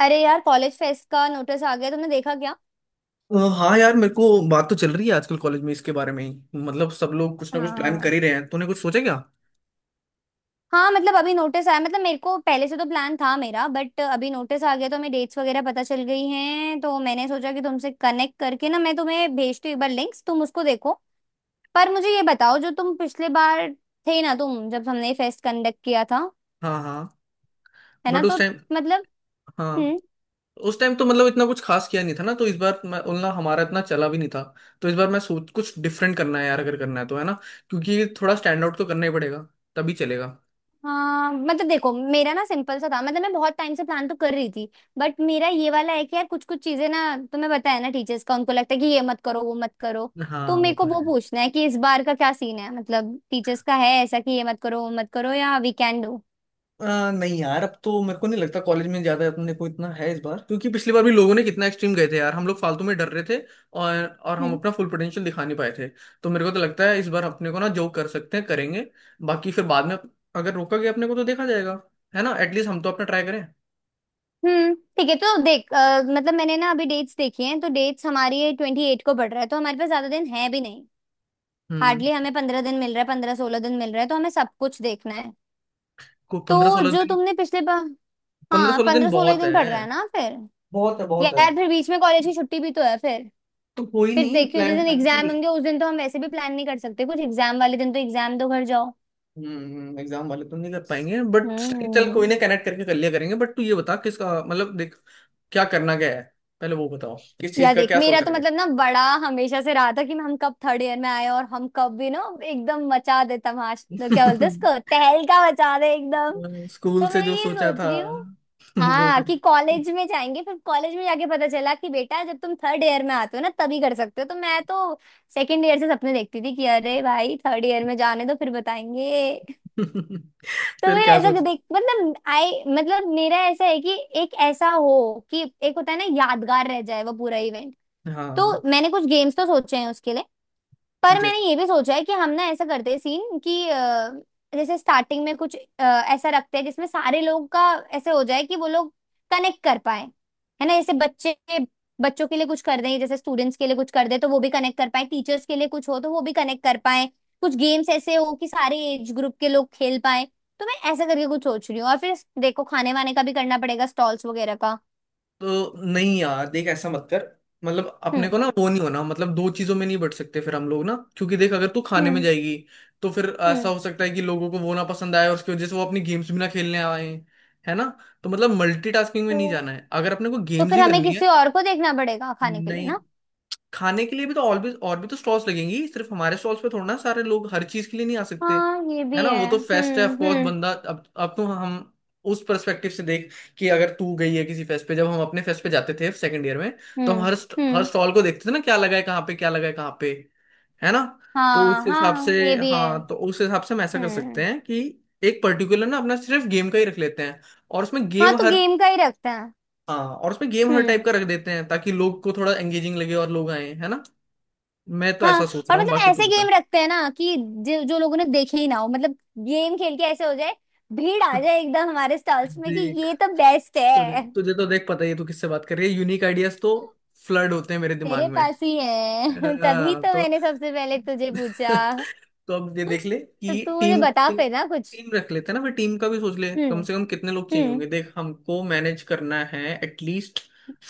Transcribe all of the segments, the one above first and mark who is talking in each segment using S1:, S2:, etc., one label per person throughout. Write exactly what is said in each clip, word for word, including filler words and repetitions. S1: अरे यार, college fest का नोटिस आ गया। तुमने देखा क्या?
S2: अ, हाँ यार मेरे को बात तो चल रही है आजकल कॉलेज में इसके बारे में ही। मतलब सब लोग कुछ ना कुछ प्लान कर
S1: हाँ,
S2: ही रहे हैं, तूने कुछ सोचा क्या।
S1: हाँ मतलब अभी नोटिस आया। मतलब मेरे को पहले से तो प्लान था मेरा, बट अभी नोटिस आ गया तो हमें डेट्स वगैरह पता चल गई हैं। तो मैंने सोचा कि तुमसे कनेक्ट करके ना मैं तुम्हें भेजती हूँ एक बार लिंक्स, तुम उसको देखो। पर मुझे ये बताओ, जो तुम पिछले बार थे ना, तुम जब हमने फेस्ट कंडक्ट किया था,
S2: हाँ हाँ
S1: है ना?
S2: बट
S1: तो
S2: उस टाइम।
S1: मतलब
S2: हाँ
S1: हम्म?
S2: उस टाइम तो मतलब इतना कुछ खास किया नहीं था ना, तो इस बार मैं उतना हमारा इतना चला भी नहीं था। तो इस बार मैं सोच कुछ डिफरेंट करना है यार, अगर करना है तो, है ना। क्योंकि थोड़ा स्टैंड आउट तो करना ही पड़ेगा, तभी चलेगा।
S1: हाँ मतलब देखो, मेरा ना सिंपल सा था। मतलब मैं बहुत टाइम से प्लान तो कर रही थी, बट मेरा ये वाला है कि यार कुछ कुछ चीजें ना, तुम्हें पता है ना टीचर्स का, उनको लगता है कि ये मत करो वो मत करो। तो
S2: हाँ वो
S1: मेरे को
S2: तो है।
S1: वो पूछना है कि इस बार का क्या सीन है। मतलब टीचर्स का है ऐसा कि ये मत करो वो मत करो, या वी कैन डू।
S2: आ, नहीं यार, अब तो मेरे को नहीं लगता कॉलेज में ज्यादा अपने को इतना है इस बार, क्योंकि पिछली बार भी लोगों ने कितना एक्सट्रीम गए थे यार, हम लोग फालतू में डर रहे थे। और और हम
S1: हम्म।
S2: अपना फुल पोटेंशियल दिखा नहीं पाए थे। तो मेरे को तो लगता है इस बार अपने को ना जो कर सकते हैं करेंगे। बाकी फिर बाद में अगर रोका गया अपने को तो देखा जाएगा। है ना, एटलीस्ट हम तो अपना ट्राई करें।
S1: हम्म, ठीक है। तो देख, अ, मतलब मैंने ना अभी डेट्स देखी हैं। तो डेट्स हमारी ट्वेंटी एट को बढ़ रहा है, तो हमारे पास ज्यादा दिन है भी नहीं।
S2: हम्म
S1: हार्डली हमें पंद्रह दिन मिल रहा है, पंद्रह सोलह दिन मिल रहा है, तो हमें सब कुछ देखना है।
S2: को पंद्रह
S1: तो
S2: सोलह
S1: जो
S2: दिन
S1: तुमने पिछले बार।
S2: पंद्रह
S1: हाँ
S2: सोलह दिन
S1: पंद्रह सोलह
S2: बहुत है,
S1: दिन पढ़ रहा है ना फिर।
S2: बहुत है, बहुत है।
S1: यार फिर बीच में कॉलेज की छुट्टी भी तो है। फिर
S2: तो कोई
S1: फिर
S2: नहीं,
S1: देखियो जिस
S2: प्लान।
S1: दिन एग्जाम होंगे उस दिन तो हम वैसे भी प्लान नहीं कर सकते कुछ। एग्जाम वाले दिन तो एग्जाम दो, घर जाओ।
S2: हम्म एग्जाम वाले तो नहीं कर पाएंगे बट। चल कोई
S1: हम्म।
S2: ना, कनेक्ट करके कर लिया करेंगे। बट तू ये बता किसका, मतलब देख क्या करना क्या है, पहले वो बताओ, किस चीज
S1: या
S2: का
S1: देख,
S2: क्या
S1: मेरा
S2: सोच
S1: तो
S2: रहे हैं।
S1: मतलब ना बड़ा हमेशा से रहा था कि हम कब थर्ड ईयर में आए, और हम कब भी ना एकदम मचा दे तमाश, तो क्या बोलते हैं इसको, तहलका मचा दे एकदम।
S2: स्कूल
S1: तो
S2: से
S1: मैं
S2: जो
S1: ये
S2: सोचा
S1: सोच
S2: था
S1: रही हूँ।
S2: वो
S1: हाँ
S2: कर।
S1: कि कॉलेज में जाएंगे, फिर कॉलेज में जाके पता चला कि बेटा जब तुम थर्ड ईयर में आते हो ना तभी कर सकते हो। तो मैं तो सेकंड ईयर से सपने देखती थी कि अरे भाई थर्ड ईयर में जाने दो फिर बताएंगे। तो
S2: फिर
S1: फिर
S2: क्या
S1: ऐसा
S2: सोच रहे,
S1: देख, मतलब आई मतलब मेरा ऐसा है कि एक ऐसा हो कि एक होता है ना यादगार रह जाए वो पूरा इवेंट।
S2: हाँ
S1: तो मैंने कुछ गेम्स तो सोचे हैं उसके लिए। पर मैंने
S2: जैसे।
S1: ये भी सोचा है कि हम ना ऐसा करते हैं सीन कि अ, जैसे स्टार्टिंग में कुछ अ, ऐसा रखते हैं जिसमें सारे लोग का ऐसे हो जाए कि वो लोग कनेक्ट कर पाए। है ना? जैसे बच्चे, बच्चों के लिए कुछ कर दें, जैसे स्टूडेंट्स के लिए कुछ कर दें तो वो भी कनेक्ट कर पाए, टीचर्स के लिए कुछ हो तो वो भी कनेक्ट कर पाए। कुछ गेम्स ऐसे हो कि सारे एज ग्रुप के लोग खेल पाए। तो मैं ऐसा करके कुछ सोच रही हूँ। और फिर देखो खाने वाने का भी करना पड़ेगा, स्टॉल्स वगैरह का।
S2: तो नहीं यार देख ऐसा मत कर, मतलब अपने
S1: हम्म।
S2: को ना वो नहीं होना, मतलब दो चीजों में नहीं बट सकते फिर हम लोग ना, क्योंकि देख अगर तू खाने में
S1: हम्म।
S2: जाएगी, तो फिर ऐसा
S1: हम्म।
S2: हो सकता है कि लोगों को वो ना पसंद आए और उसकी वजह से वो अपनी गेम्स भी ना खेलने आए, है ना। तो मतलब मल्टीटास्किंग में नहीं
S1: तो
S2: जाना है, अगर अपने को
S1: तो
S2: गेम्स
S1: फिर
S2: ही
S1: हमें
S2: करनी है।
S1: किसी और को देखना पड़ेगा खाने के लिए
S2: नहीं,
S1: ना।
S2: खाने के लिए भी तो और भी और भी तो स्टॉल्स लगेंगी, सिर्फ हमारे स्टॉल्स पे थोड़ा ना सारे लोग हर चीज के लिए नहीं आ सकते,
S1: हाँ ये
S2: है
S1: भी
S2: ना।
S1: है।
S2: वो तो फेस्ट है,
S1: हम्म,
S2: ऑफकोर्स
S1: हम्म।
S2: बंदा अब अब तो हम उस पर्सपेक्टिव से देख, कि अगर तू गई है किसी फेस्ट पे, जब हम अपने फेस्ट पे जाते थे सेकंड ईयर में, तो हम
S1: हम्म,
S2: हर st- हर
S1: हम्म।
S2: स्टॉल को देखते थे ना, क्या लगा है कहाँ पे, क्या लगा है कहाँ पे, है ना। तो उस
S1: हाँ,
S2: हिसाब से,
S1: हाँ ये भी है।
S2: हाँ तो उस हिसाब से हम ऐसा कर सकते
S1: हम्म।
S2: हैं कि एक पर्टिकुलर ना अपना सिर्फ गेम का ही रख लेते हैं, और उसमें
S1: हाँ
S2: गेम
S1: तो
S2: हर।
S1: गेम का ही रखते हैं।
S2: हाँ और उसमें गेम हर टाइप
S1: हम्म।
S2: का रख देते हैं ताकि लोग को थोड़ा एंगेजिंग लगे और लोग आए, है ना। मैं तो
S1: हाँ
S2: ऐसा सोच
S1: और
S2: रहा हूँ,
S1: मतलब
S2: बाकी तू
S1: ऐसे गेम
S2: बता।
S1: रखते हैं ना कि जो, जो लोगों ने देखे ही ना हो। मतलब गेम खेल के ऐसे हो जाए, भीड़ आ जाए एकदम हमारे स्टॉल्स में कि
S2: देख
S1: ये तो बेस्ट
S2: तुझे
S1: है।
S2: तुझे तो देख पता ही है तू किससे बात कर रही है, यूनिक आइडियाज तो फ्लड होते हैं मेरे दिमाग
S1: तेरे
S2: में।
S1: पास ही है। तभी
S2: हाँ,
S1: तो
S2: तो
S1: मैंने सबसे पहले तुझे पूछा।
S2: तो अब ये देख ले
S1: तो
S2: कि
S1: तू मुझे
S2: टीम
S1: बता
S2: टीम
S1: फिर ना कुछ।
S2: टीम रख लेते हैं ना, फिर टीम का भी सोच ले
S1: हम्म,
S2: कम से कम कितने लोग चाहिए
S1: हम्म।
S2: होंगे, देख हमको मैनेज करना है, at least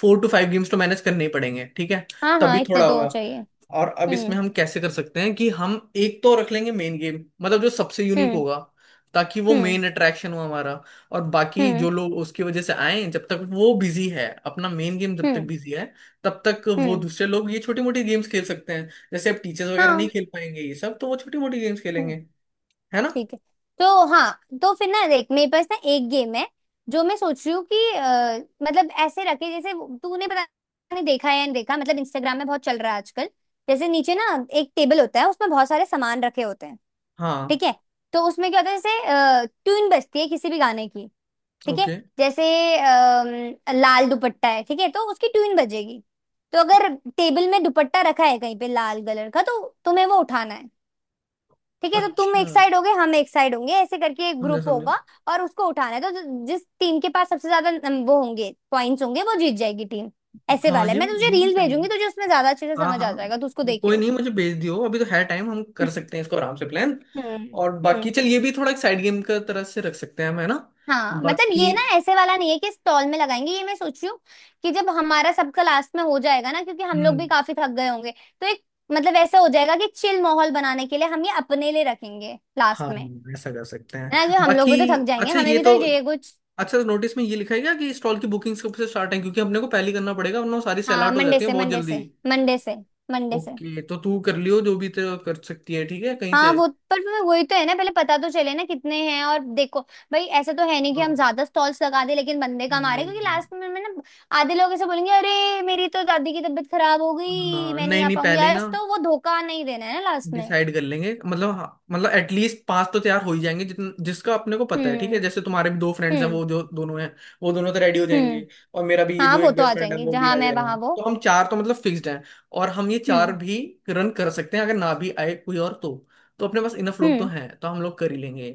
S2: four two five games तो मैनेज करने ही पड़ेंगे, ठीक है,
S1: हाँ हाँ
S2: तभी
S1: इतने
S2: थोड़ा
S1: तो
S2: होगा।
S1: चाहिए।
S2: और अब इसमें
S1: हम्म,
S2: हम कैसे कर सकते हैं कि हम एक तो रख लेंगे मेन गेम, मतलब जो सबसे यूनिक
S1: हम्म।
S2: होगा, ताकि वो
S1: हम्म,
S2: मेन अट्रैक्शन हो हमारा। और बाकी
S1: हम्म।
S2: जो लोग उसकी वजह से आए, जब तक वो बिजी है, अपना मेन गेम जब तक
S1: हम्म,
S2: बिजी है, तब तक वो
S1: हम्म।
S2: दूसरे लोग ये छोटी मोटी गेम्स खेल सकते हैं। जैसे अब टीचर्स वगैरह नहीं
S1: हाँ।
S2: खेल पाएंगे ये सब, तो वो छोटी मोटी गेम्स खेलेंगे,
S1: हम्म,
S2: है ना।
S1: ठीक है। तो हाँ, तो फिर ना देख मेरे पास ना एक गेम है जो मैं सोच रही हूँ कि अ, मतलब ऐसे रखे जैसे वो- तूने पता नहीं, देखा है या नहीं देखा, मतलब इंस्टाग्राम में बहुत चल रहा है आजकल। जैसे नीचे ना एक टेबल होता है, उसमें बहुत सारे सामान रखे होते हैं।
S2: हाँ
S1: ठीक है? तो उसमें क्या होता है, जैसे ट्यून बजती है किसी भी गाने की। ठीक है।
S2: ओके।
S1: जैसे अम, लाल दुपट्टा है, ठीक है, तो उसकी ट्यून बजेगी। तो अगर टेबल में दुपट्टा रखा है कहीं पे लाल कलर का, तो तुम्हें वो उठाना है। ठीक है? तो तुम
S2: अच्छा
S1: एक साइड होगे, हम एक साइड होंगे, ऐसे करके एक
S2: समझा
S1: ग्रुप
S2: समझा
S1: होगा। और उसको उठाना है, तो जो- जिस टीम के पास सबसे ज्यादा नम- वो होंगे पॉइंट्स होंगे, वो जीत जाएगी टीम। ऐसे
S2: हाँ
S1: वाला है।
S2: ये
S1: मैं तुझे
S2: ये भी
S1: रील
S2: सही है।
S1: भेजूंगी, तुझे उसमें ज्यादा अच्छे से
S2: हाँ
S1: समझ आ जाएगा, तू उसको
S2: हाँ कोई
S1: देखियो।
S2: नहीं, मुझे भेज दियो, अभी तो है टाइम, हम कर
S1: हम्म,
S2: सकते हैं इसको आराम से प्लान।
S1: हम्म।
S2: और बाकी
S1: हम्म।
S2: चल ये भी थोड़ा एक साइड गेम का तरह से रख सकते हैं हम, है ना।
S1: हाँ मतलब
S2: बाकी
S1: ये ना ऐसे वाला नहीं है कि स्टॉल में लगाएंगे। ये मैं सोच रही हूँ कि जब हमारा सबका लास्ट में हो जाएगा ना, क्योंकि हम लोग भी
S2: हम्म
S1: काफी थक गए होंगे, तो एक, मतलब ऐसा हो जाएगा कि चिल माहौल बनाने के लिए हम ये अपने लिए रखेंगे
S2: हाँ
S1: लास्ट में।
S2: ऐसा कर सकते
S1: है ना?
S2: हैं
S1: कि हम लोग
S2: बाकी।
S1: भी तो थक जाएंगे,
S2: अच्छा
S1: हमें
S2: ये
S1: भी
S2: तो,
S1: तो चाहिए कुछ।
S2: अच्छा नोटिस में ये लिखा है क्या कि स्टॉल की बुकिंग्स कब से स्टार्ट है, क्योंकि अपने को पहले ही करना पड़ेगा वरना वो सारी सेल
S1: हाँ
S2: आउट हो
S1: मंडे
S2: जाती है
S1: से,
S2: बहुत
S1: मंडे
S2: जल्दी।
S1: से, मंडे से, मंडे से।
S2: ओके तो तू कर लियो जो भी तो कर सकती है, ठीक है, कहीं से।
S1: हाँ वो, पर फिर वही तो है ना, पहले पता तो चले ना कितने हैं, और देखो भाई ऐसा तो है नहीं कि हम
S2: हाँ
S1: ज्यादा स्टॉल्स लगा दे लेकिन बंदे कम आ रहे, क्योंकि
S2: नहीं,
S1: लास्ट में में ना आधे लोग ऐसे बोलेंगे अरे मेरी तो दादी की तबीयत खराब हो गई
S2: हाँ
S1: मैं नहीं
S2: नहीं
S1: आ
S2: नहीं,
S1: पाऊंगी
S2: पहले ही ना
S1: आज, तो वो धोखा नहीं देना है ना लास्ट में।
S2: डिसाइड कर लेंगे, मतलब हाँ, मतलब एटलीस्ट पांच तो तैयार हो ही जाएंगे, जितन जिसका अपने को पता है, ठीक
S1: हम्म,
S2: है, जैसे तुम्हारे भी दो फ्रेंड्स हैं
S1: हम्म।
S2: वो जो दोनों हैं, वो दोनों तो रेडी हो
S1: हम्म।
S2: जाएंगे, और मेरा भी ये
S1: हाँ
S2: जो
S1: वो
S2: एक
S1: तो
S2: बेस्ट
S1: आ
S2: फ्रेंड है
S1: जाएंगे,
S2: वो भी
S1: जहां
S2: आ
S1: मैं
S2: जाएगा,
S1: वहां वो।
S2: तो हम चार तो मतलब फिक्स्ड हैं, और हम ये चार
S1: हम्म,
S2: भी रन कर सकते हैं अगर ना भी आए कोई और तो। तो अपने पास इनफ लोग तो
S1: हम्म।
S2: हैं तो हम लोग कर ही लेंगे।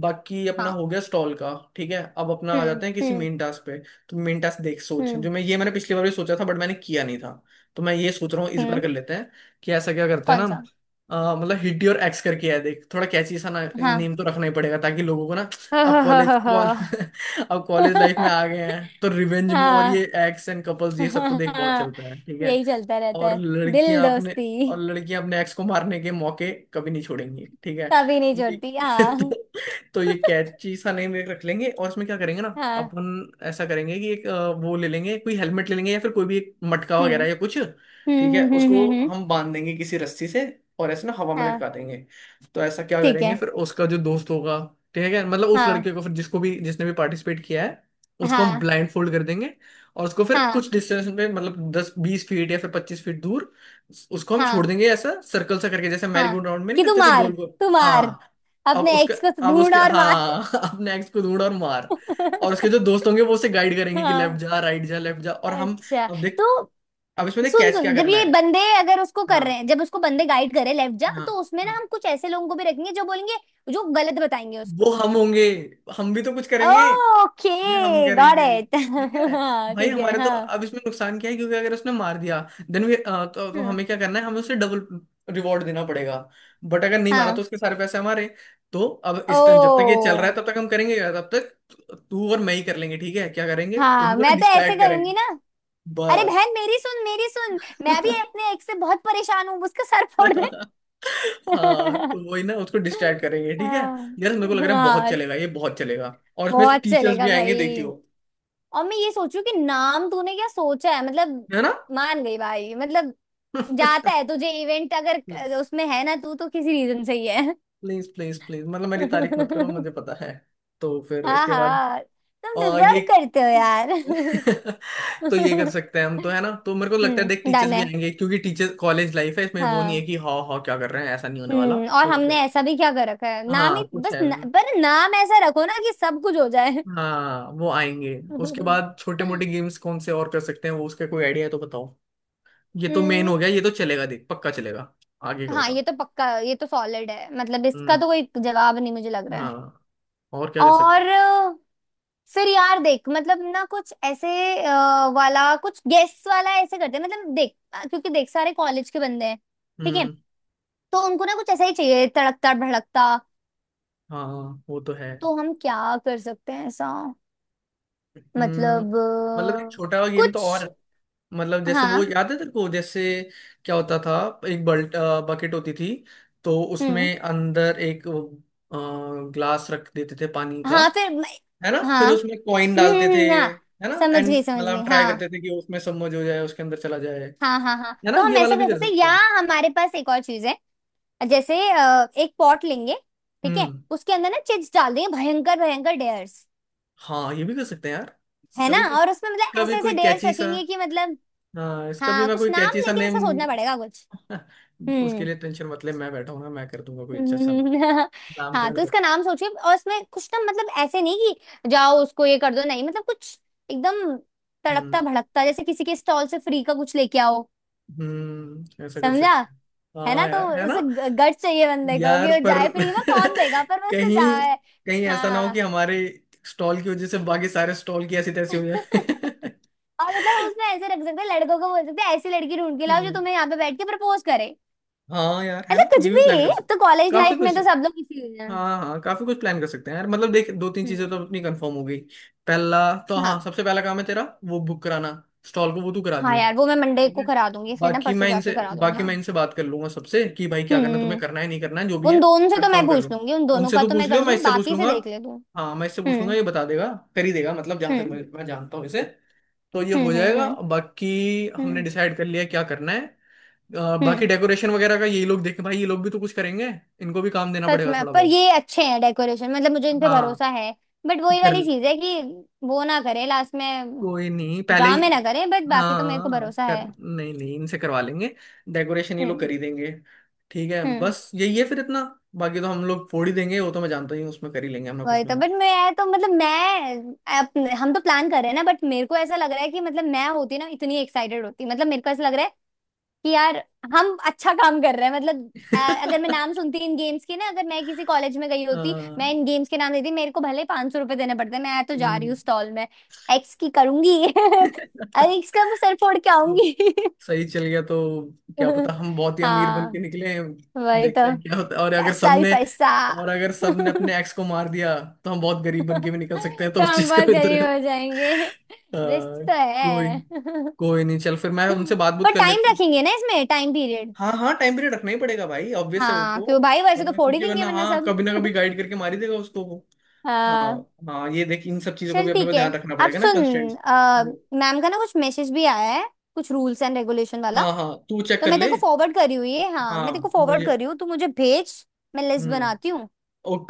S2: बाकी अपना
S1: हाँ।
S2: हो गया स्टॉल का, ठीक है अब अपना आ
S1: हम्म,
S2: जाते हैं किसी
S1: हम्म।
S2: मेन टास्क पे। तो मेन टास्क देख, सोच जो
S1: हम्म,
S2: मैं ये मैंने पिछली बार भी सोचा था बट मैंने किया नहीं था, तो मैं ये सोच रहा हूँ इस बार
S1: हम्म।
S2: कर लेते हैं, कि ऐसा क्या करते हैं
S1: कौन
S2: ना,
S1: सा?
S2: आ, मतलब हिडी और एक्स करके है, देख थोड़ा कैची सा ना
S1: हाँ।
S2: नेम तो रखना ही पड़ेगा ताकि लोगों को ना।
S1: हाँ
S2: अब
S1: हाँ हाँ
S2: कॉलेज कॉल
S1: हाँ।
S2: अब कॉलेज लाइफ में आ गए हैं तो रिवेंज और ये
S1: हाँ।
S2: एक्स एंड कपल्स ये सब तो देख बहुत
S1: हाँ
S2: चलता है, ठीक है।
S1: यही चलता रहता
S2: और
S1: है। दिल
S2: लड़कियां अपने और
S1: दोस्ती।
S2: लड़कियां अपने एक्स को मारने के मौके कभी नहीं छोड़ेंगी, ठीक है।
S1: कभी नहीं
S2: ये
S1: छोड़ती
S2: तो,
S1: हाँ।
S2: तो ये कैची सा नेम रख लेंगे, और इसमें क्या करेंगे ना,
S1: हाँ।
S2: अपन ऐसा करेंगे कि एक अ, वो ले लेंगे, कोई हेलमेट ले लेंगे या फिर कोई भी एक मटका
S1: हम्म।
S2: वगैरह या कुछ,
S1: हम्म,
S2: ठीक है,
S1: हम्म, हम्म,
S2: उसको
S1: हम्म, हम्म।
S2: हम बांध देंगे किसी रस्सी से और ऐसे ना हवा में
S1: हाँ
S2: लटका देंगे। तो ऐसा क्या
S1: ठीक
S2: करेंगे,
S1: है।
S2: फिर उसका जो दोस्त होगा ठीक है, मतलब उस
S1: हाँ
S2: लड़के को फिर जिसको भी जिसने भी पार्टिसिपेट किया है, उसको हम
S1: हाँ
S2: ब्लाइंड फोल्ड कर देंगे, और उसको फिर
S1: हाँ
S2: कुछ डिस्टेंस में, मतलब दस बीस फीट या फिर पच्चीस फीट दूर उसको हम छोड़
S1: हाँ।
S2: देंगे, ऐसा सर्कल सा करके, जैसे
S1: हाँ
S2: मैरीगोल्ड राउंड में नहीं
S1: कि तू
S2: करते थे,
S1: मार,
S2: गोल गोल।
S1: तू मार,
S2: हाँ अब
S1: अपने
S2: उसके
S1: एक्स को
S2: अब
S1: ढूंढ
S2: उसके
S1: और मार।
S2: हाँ अब नेक्स्ट को ढूंढ और मार, और उसके जो दोस्त होंगे वो उसे गाइड करेंगे कि लेफ्ट
S1: हाँ।
S2: जा राइट जा लेफ्ट जा, और हम,
S1: अच्छा।
S2: अब देख
S1: तो
S2: अब इसमें देख
S1: सुन
S2: कैच क्या
S1: सुन, जब
S2: करना
S1: ये
S2: है।
S1: बंदे अगर उसको कर
S2: हाँ
S1: रहे हैं, जब उसको बंदे गाइड कर रहे हैं लेफ्ट जा,
S2: हाँ
S1: तो उसमें ना
S2: हाँ
S1: हम कुछ ऐसे लोगों को भी रखेंगे जो बोलेंगे, जो गलत बताएंगे
S2: वो
S1: उसको।
S2: हम होंगे, हम भी तो कुछ करेंगे, ये
S1: ओके,
S2: हम
S1: गॉट
S2: करेंगे,
S1: इट।
S2: ठीक है।
S1: हाँ
S2: भाई
S1: ठीक है
S2: हमारे तो
S1: हाँ।
S2: अब इसमें नुकसान क्या है, क्योंकि अगर उसने मार दिया, देन वी अ, तो, तो
S1: हम्म।
S2: हमें क्या करना है, हमें उसे डबल रिवॉर्ड देना पड़ेगा, बट अगर नहीं मारा
S1: हाँ।
S2: तो उसके सारे पैसे हमारे। तो अब
S1: ओ।
S2: इस टाइम जब तक ये चल रहा है तब तक हम करेंगे क्या, तब तक तू तू और मैं ही कर लेंगे ठीक है, क्या करेंगे,
S1: हाँ
S2: उनको ना
S1: मैं तो ऐसे
S2: डिस्ट्रैक्ट करेंगे,
S1: करूंगी ना, अरे
S2: बस।
S1: बहन मेरी सुन, मेरी सुन, मैं भी अपने एक से बहुत परेशान हूँ, उसका सर फोड़ दे।
S2: हाँ तो वही ना, उसको डिस्ट्रैक्ट करेंगे, ठीक है।
S1: हाँ।
S2: यार मेरे को लग रहा है बहुत
S1: हाँ
S2: चलेगा ये, बहुत चलेगा और इसमें
S1: बहुत
S2: टीचर्स भी
S1: चलेगा
S2: आएंगे
S1: भाई।
S2: देखियो,
S1: और मैं ये सोचू कि नाम तूने क्या सोचा है। मतलब
S2: है ना।
S1: मान गई भाई, मतलब जाता है तुझे इवेंट अगर, उसमें है ना, तू तो किसी रीजन से ही
S2: प्लीज प्लीज प्लीज, मतलब मेरी तारीफ मत करो,
S1: है।
S2: मुझे पता है। तो फिर
S1: हाँ
S2: इसके बाद,
S1: हाँ, तुम
S2: और ये
S1: डिजर्व करते हो यार।
S2: तो ये कर सकते हैं हम तो, है ना, तो मेरे को लगता है देख
S1: हम्म,
S2: टीचर्स
S1: डन
S2: भी
S1: है।
S2: आएंगे, क्योंकि टीचर्स कॉलेज लाइफ है, इसमें वो नहीं है
S1: हाँ।
S2: कि हाँ हाँ क्या कर रहे हैं, ऐसा नहीं होने वाला।
S1: हम्म और
S2: तो
S1: हमने ऐसा भी क्या कर रखा है, नाम
S2: हाँ
S1: ही
S2: कुछ
S1: बस
S2: है,
S1: न, पर नाम ऐसा रखो ना कि सब कुछ हो जाए।
S2: हाँ वो आएंगे। उसके बाद छोटे मोटे
S1: हम्म।
S2: गेम्स कौन से और कर सकते हैं वो, उसका कोई आइडिया है तो बताओ, ये तो मेन हो गया, ये तो चलेगा देख पक्का चलेगा, आगे का
S1: हाँ ये
S2: बता।
S1: तो पक्का, ये तो सॉलिड है। मतलब इसका
S2: हम्म
S1: तो कोई जवाब नहीं मुझे लग रहा है।
S2: हाँ और क्या कर सकते
S1: और
S2: हैं।
S1: अ, फिर यार देख, मतलब ना कुछ ऐसे अ, वाला कुछ गेस वाला ऐसे करते हैं। मतलब देख, अ, क्योंकि देख सारे कॉलेज के बंदे हैं, ठीक है,
S2: हम्म
S1: तो उनको ना कुछ ऐसा ही चाहिए तड़कता भड़कता।
S2: हाँ वो तो है,
S1: तो हम क्या कर सकते हैं ऐसा,
S2: हम्म
S1: मतलब
S2: मतलब एक
S1: अ,
S2: छोटा सा गेम तो और है।
S1: कुछ।
S2: मतलब जैसे वो
S1: हाँ।
S2: याद है तेरे को, जैसे क्या होता था, एक बल्ट बकेट होती थी, तो
S1: हम्म।
S2: उसमें अंदर एक ग्लास रख देते थे पानी का,
S1: हाँ फिर मैं-।
S2: है ना फिर
S1: हाँ।
S2: उसमें कॉइन
S1: हम्म,
S2: डालते
S1: हम्म,
S2: थे,
S1: हम्म, हाँ।
S2: है ना,
S1: समझ
S2: एंड
S1: गई,
S2: मतलब
S1: समझ
S2: हम
S1: गई
S2: ट्राई
S1: हाँ।
S2: करते थे कि उसमें सबमर्ज हो जाए, उसके अंदर चला जाए,
S1: हाँ हाँ हाँ,
S2: है ना,
S1: तो हम
S2: ये वाला
S1: ऐसा
S2: भी
S1: कर
S2: कर
S1: सकते हैं।
S2: सकते
S1: या
S2: हैं।
S1: हमारे पास एक और चीज है। जैसे अ, एक पॉट लेंगे, ठीक है,
S2: हम्म
S1: उसके अंदर ना चिप्स डाल देंगे, भयंकर भयंकर डेयर्स।
S2: हाँ ये भी कर सकते हैं यार,
S1: है
S2: इसका
S1: ना?
S2: भी कोई
S1: और उसमें मतलब
S2: इसका भी
S1: ऐसे ऐसे
S2: कोई
S1: डेयर्स
S2: कैची सा।
S1: रखेंगे कि मतलब,
S2: हाँ इसका भी
S1: हाँ
S2: मैं
S1: कुछ
S2: कोई
S1: नाम
S2: कैची सा
S1: लेकिन
S2: नेम।
S1: इसका सोचना पड़ेगा कुछ।
S2: उसके
S1: हम्म,
S2: लिए टेंशन मतलब मैं बैठा हूँ ना, मैं कर दूंगा कोई अच्छा अच्छा ना,
S1: हम्म। हाँ
S2: नामकरण
S1: तो
S2: कर।
S1: इसका नाम सोचिए। और इसमें कुछ ना, मतलब ऐसे नहीं कि जाओ उसको ये कर दो, नहीं मतलब कुछ एकदम तड़कता
S2: हम्म
S1: भड़कता, जैसे किसी के स्टॉल से फ्री का कुछ लेके आओ।
S2: हम्म ऐसा कर
S1: समझा?
S2: सकते हैं।
S1: है ना,
S2: हाँ
S1: तो
S2: यार है ना।
S1: उसे गट चाहिए बंदे को कि
S2: यार
S1: वो
S2: पर
S1: जाए फ्री में, कौन देगा, पर वो उसको
S2: कहीं
S1: जाए।
S2: कहीं ऐसा ना हो कि
S1: हाँ।
S2: हमारे स्टॉल की वजह से बाकी सारे स्टॉल की ऐसी तैसी हो जाए।
S1: और मतलब हम उसमें ऐसे रख सकते हैं, लड़कों को बोल सकते हैं ऐसी लड़की ढूंढ के लाओ जो
S2: हम्म,
S1: तुम्हें यहाँ पे बैठ के प्रपोज करे।
S2: हाँ यार है
S1: मतलब
S2: ना,
S1: कुछ
S2: ये भी प्लान
S1: भी,
S2: कर
S1: अब
S2: सकते।
S1: तो कॉलेज
S2: काफी
S1: लाइफ में
S2: कुछ,
S1: तो सब लोग इसी हैं।
S2: हाँ हाँ काफी कुछ प्लान कर सकते हैं यार, मतलब देख दो तीन
S1: हम्म।
S2: चीजें तो अपनी कंफर्म हो गई। पहला तो हाँ
S1: हाँ।
S2: सबसे पहला काम है तेरा वो बुक कराना, स्टॉल को वो तू करा
S1: हाँ
S2: दियो,
S1: यार वो मैं मंडे
S2: ठीक
S1: को
S2: है।
S1: करा दूंगी, फिर ना
S2: बाकी
S1: परसों
S2: मैं
S1: जाके
S2: इनसे
S1: करा दूंगी
S2: बाकी
S1: हाँ।
S2: मैं इनसे बात कर लूंगा सबसे कि भाई क्या करना है, तुम्हें
S1: हम्म।
S2: करना है नहीं करना है जो भी
S1: उन
S2: है,
S1: दोनों से तो
S2: कंफर्म
S1: मैं
S2: कर
S1: पूछ
S2: दो।
S1: लूंगी, उन दोनों
S2: उनसे
S1: का
S2: तो
S1: तो
S2: पूछ
S1: मैं कर
S2: लियो, मैं
S1: लूंगी,
S2: इससे पूछ
S1: बाकी से
S2: लूंगा,
S1: देख ले तू।
S2: हाँ मैं इससे पूछ लूंगा,
S1: हम्म,
S2: ये बता देगा, कर ही देगा, मतलब जहां तक
S1: हम्म,
S2: मैं, मैं जानता हूँ इसे, तो ये हो
S1: हम्म, हम्म।
S2: जाएगा।
S1: हम्म,
S2: बाकी हमने
S1: हम्म,
S2: डिसाइड कर लिया क्या करना है, अ, बाकी
S1: हम्म।
S2: डेकोरेशन वगैरह का ये लोग देखें, भाई ये लोग भी तो कुछ करेंगे, इनको भी काम देना
S1: सच
S2: पड़ेगा
S1: में,
S2: थोड़ा
S1: पर
S2: बहुत।
S1: ये अच्छे हैं डेकोरेशन, मतलब मुझे इन पे
S2: हाँ
S1: भरोसा है। बट वही
S2: कर,
S1: वाली चीज है कि वो ना करे लास्ट में,
S2: कोई नहीं पहले ही।
S1: ड्रामे ना करे, बट बाकी तो मेरे को
S2: हाँ
S1: भरोसा
S2: कर,
S1: है।
S2: नहीं नहीं इनसे करवा लेंगे, डेकोरेशन ये लोग
S1: हम्म।
S2: कर ही देंगे। ठीक है
S1: हम्म
S2: बस यही है फिर इतना, बाकी तो हम लोग फोड़ ही देंगे, वो तो मैं जानता ही हूँ, उसमें कर ही लेंगे हम लोग कुछ
S1: वही
S2: ना
S1: तो। बट
S2: कुछ।
S1: मैं तो मतलब मैं अपने, हम तो प्लान कर रहे हैं ना, बट मेरे को ऐसा लग रहा है कि, मतलब मैं होती ना इतनी एक्साइटेड होती, मतलब मेरे को ऐसा लग रहा है कि यार हम अच्छा काम कर रहे हैं। मतलब अ, अगर मैं नाम सुनती इन गेम्स के ना, अगर मैं किसी कॉलेज में गई होती, मैं
S2: हाँ,
S1: इन गेम्स के नाम देती, मेरे को भले पांच सौ रुपए देने पड़ते, मैं तो जा रही
S2: हम्म।
S1: हूँ स्टॉल में। एक्स की करूंगी। अरे एक्स का मैं सर फोड़ के
S2: तो
S1: आऊंगी।
S2: सही चल गया तो क्या पता हम बहुत ही अमीर बन के
S1: हाँ
S2: निकले हैं।
S1: वही तो,
S2: देखते हैं क्या होता है, और अगर
S1: पैसा ही
S2: सबने
S1: पैसा।
S2: और अगर
S1: तो
S2: सबने अपने एक्स को मार दिया तो हम बहुत गरीब बन के भी निकल सकते हैं, तो उस
S1: हम
S2: चीज का
S1: बहुत
S2: भी
S1: गरीब
S2: दुर्गा-
S1: हो जाएंगे।
S2: अ,
S1: रिस्क तो
S2: कोई,
S1: है।
S2: कोई नहीं चल फिर मैं उनसे बात बुत
S1: पर
S2: कर
S1: टाइम
S2: लेता हूँ।
S1: रखेंगे ना इसमें, टाइम पीरियड।
S2: हाँ हाँ टाइम पीरियड रखना ही पड़ेगा भाई, ऑब्वियस है वो
S1: हाँ क्यों
S2: तो।
S1: भाई वैसे तो
S2: वरना
S1: फोड़ ही
S2: क्योंकि
S1: देंगे
S2: वरना
S1: वरना
S2: हाँ
S1: सब।
S2: कभी ना कभी गाइड करके मार ही देगा उसको वो। हाँ
S1: हाँ
S2: हाँ ये देख इन सब चीजों को
S1: चल
S2: भी अपने को
S1: ठीक है।
S2: ध्यान रखना
S1: अब
S2: पड़ेगा ना,
S1: सुन,
S2: कंस्ट्रेंट्स।
S1: अ, मैम का ना कुछ मैसेज भी आया है, कुछ रूल्स एंड रेगुलेशन वाला।
S2: हाँ हाँ तू चेक
S1: तो
S2: कर
S1: मैं तेरे
S2: ले।
S1: को फॉरवर्ड कर रही हूँ ये, हाँ मैं तेरे को
S2: हाँ
S1: फॉरवर्ड
S2: मुझे,
S1: कर रही हूँ, तू मुझे भेज, मैं लिस्ट
S2: हम्म
S1: बनाती हूँ।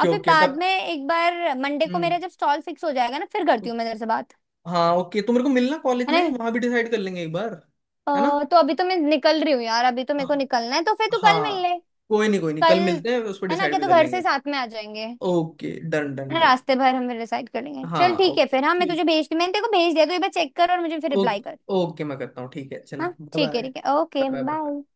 S1: और फिर
S2: ओके
S1: बाद
S2: तब।
S1: में एक बार मंडे को
S2: हम्म
S1: मेरा जब स्टॉल फिक्स हो जाएगा ना, फिर करती हूँ मैं तेरे से बात।
S2: हाँ ओके तो मेरे को मिलना कॉलेज
S1: है
S2: में
S1: ना?
S2: वहां भी डिसाइड कर लेंगे एक बार,
S1: अ,
S2: है ना।
S1: तो अभी तो मैं निकल रही हूँ यार, अभी तो मेरे को निकलना है, तो फिर तू कल मिल
S2: हाँ
S1: ले।
S2: कोई नहीं कोई नहीं,
S1: कल,
S2: कल मिलते हैं उस पर
S1: है ना,
S2: डिसाइड
S1: क्या
S2: भी
S1: तो
S2: कर
S1: घर से
S2: लेंगे।
S1: साथ में आ जाएंगे, है
S2: ओके डन डन
S1: ना,
S2: डन।
S1: रास्ते भर हम डिसाइड कर लेंगे। चल
S2: हाँ
S1: ठीक है
S2: ओके
S1: फिर। हाँ मैं तुझे
S2: ठीक,
S1: भेजती, मैंने तेरे को भेज दिया, तो एक बार चेक कर और मुझे फिर रिप्लाई
S2: ओके,
S1: कर।
S2: ओके मैं करता हूँ, ठीक है चल
S1: हाँ
S2: बाय
S1: ठीक है, ठीक है, okay
S2: bye. Bye
S1: bye.
S2: Bye.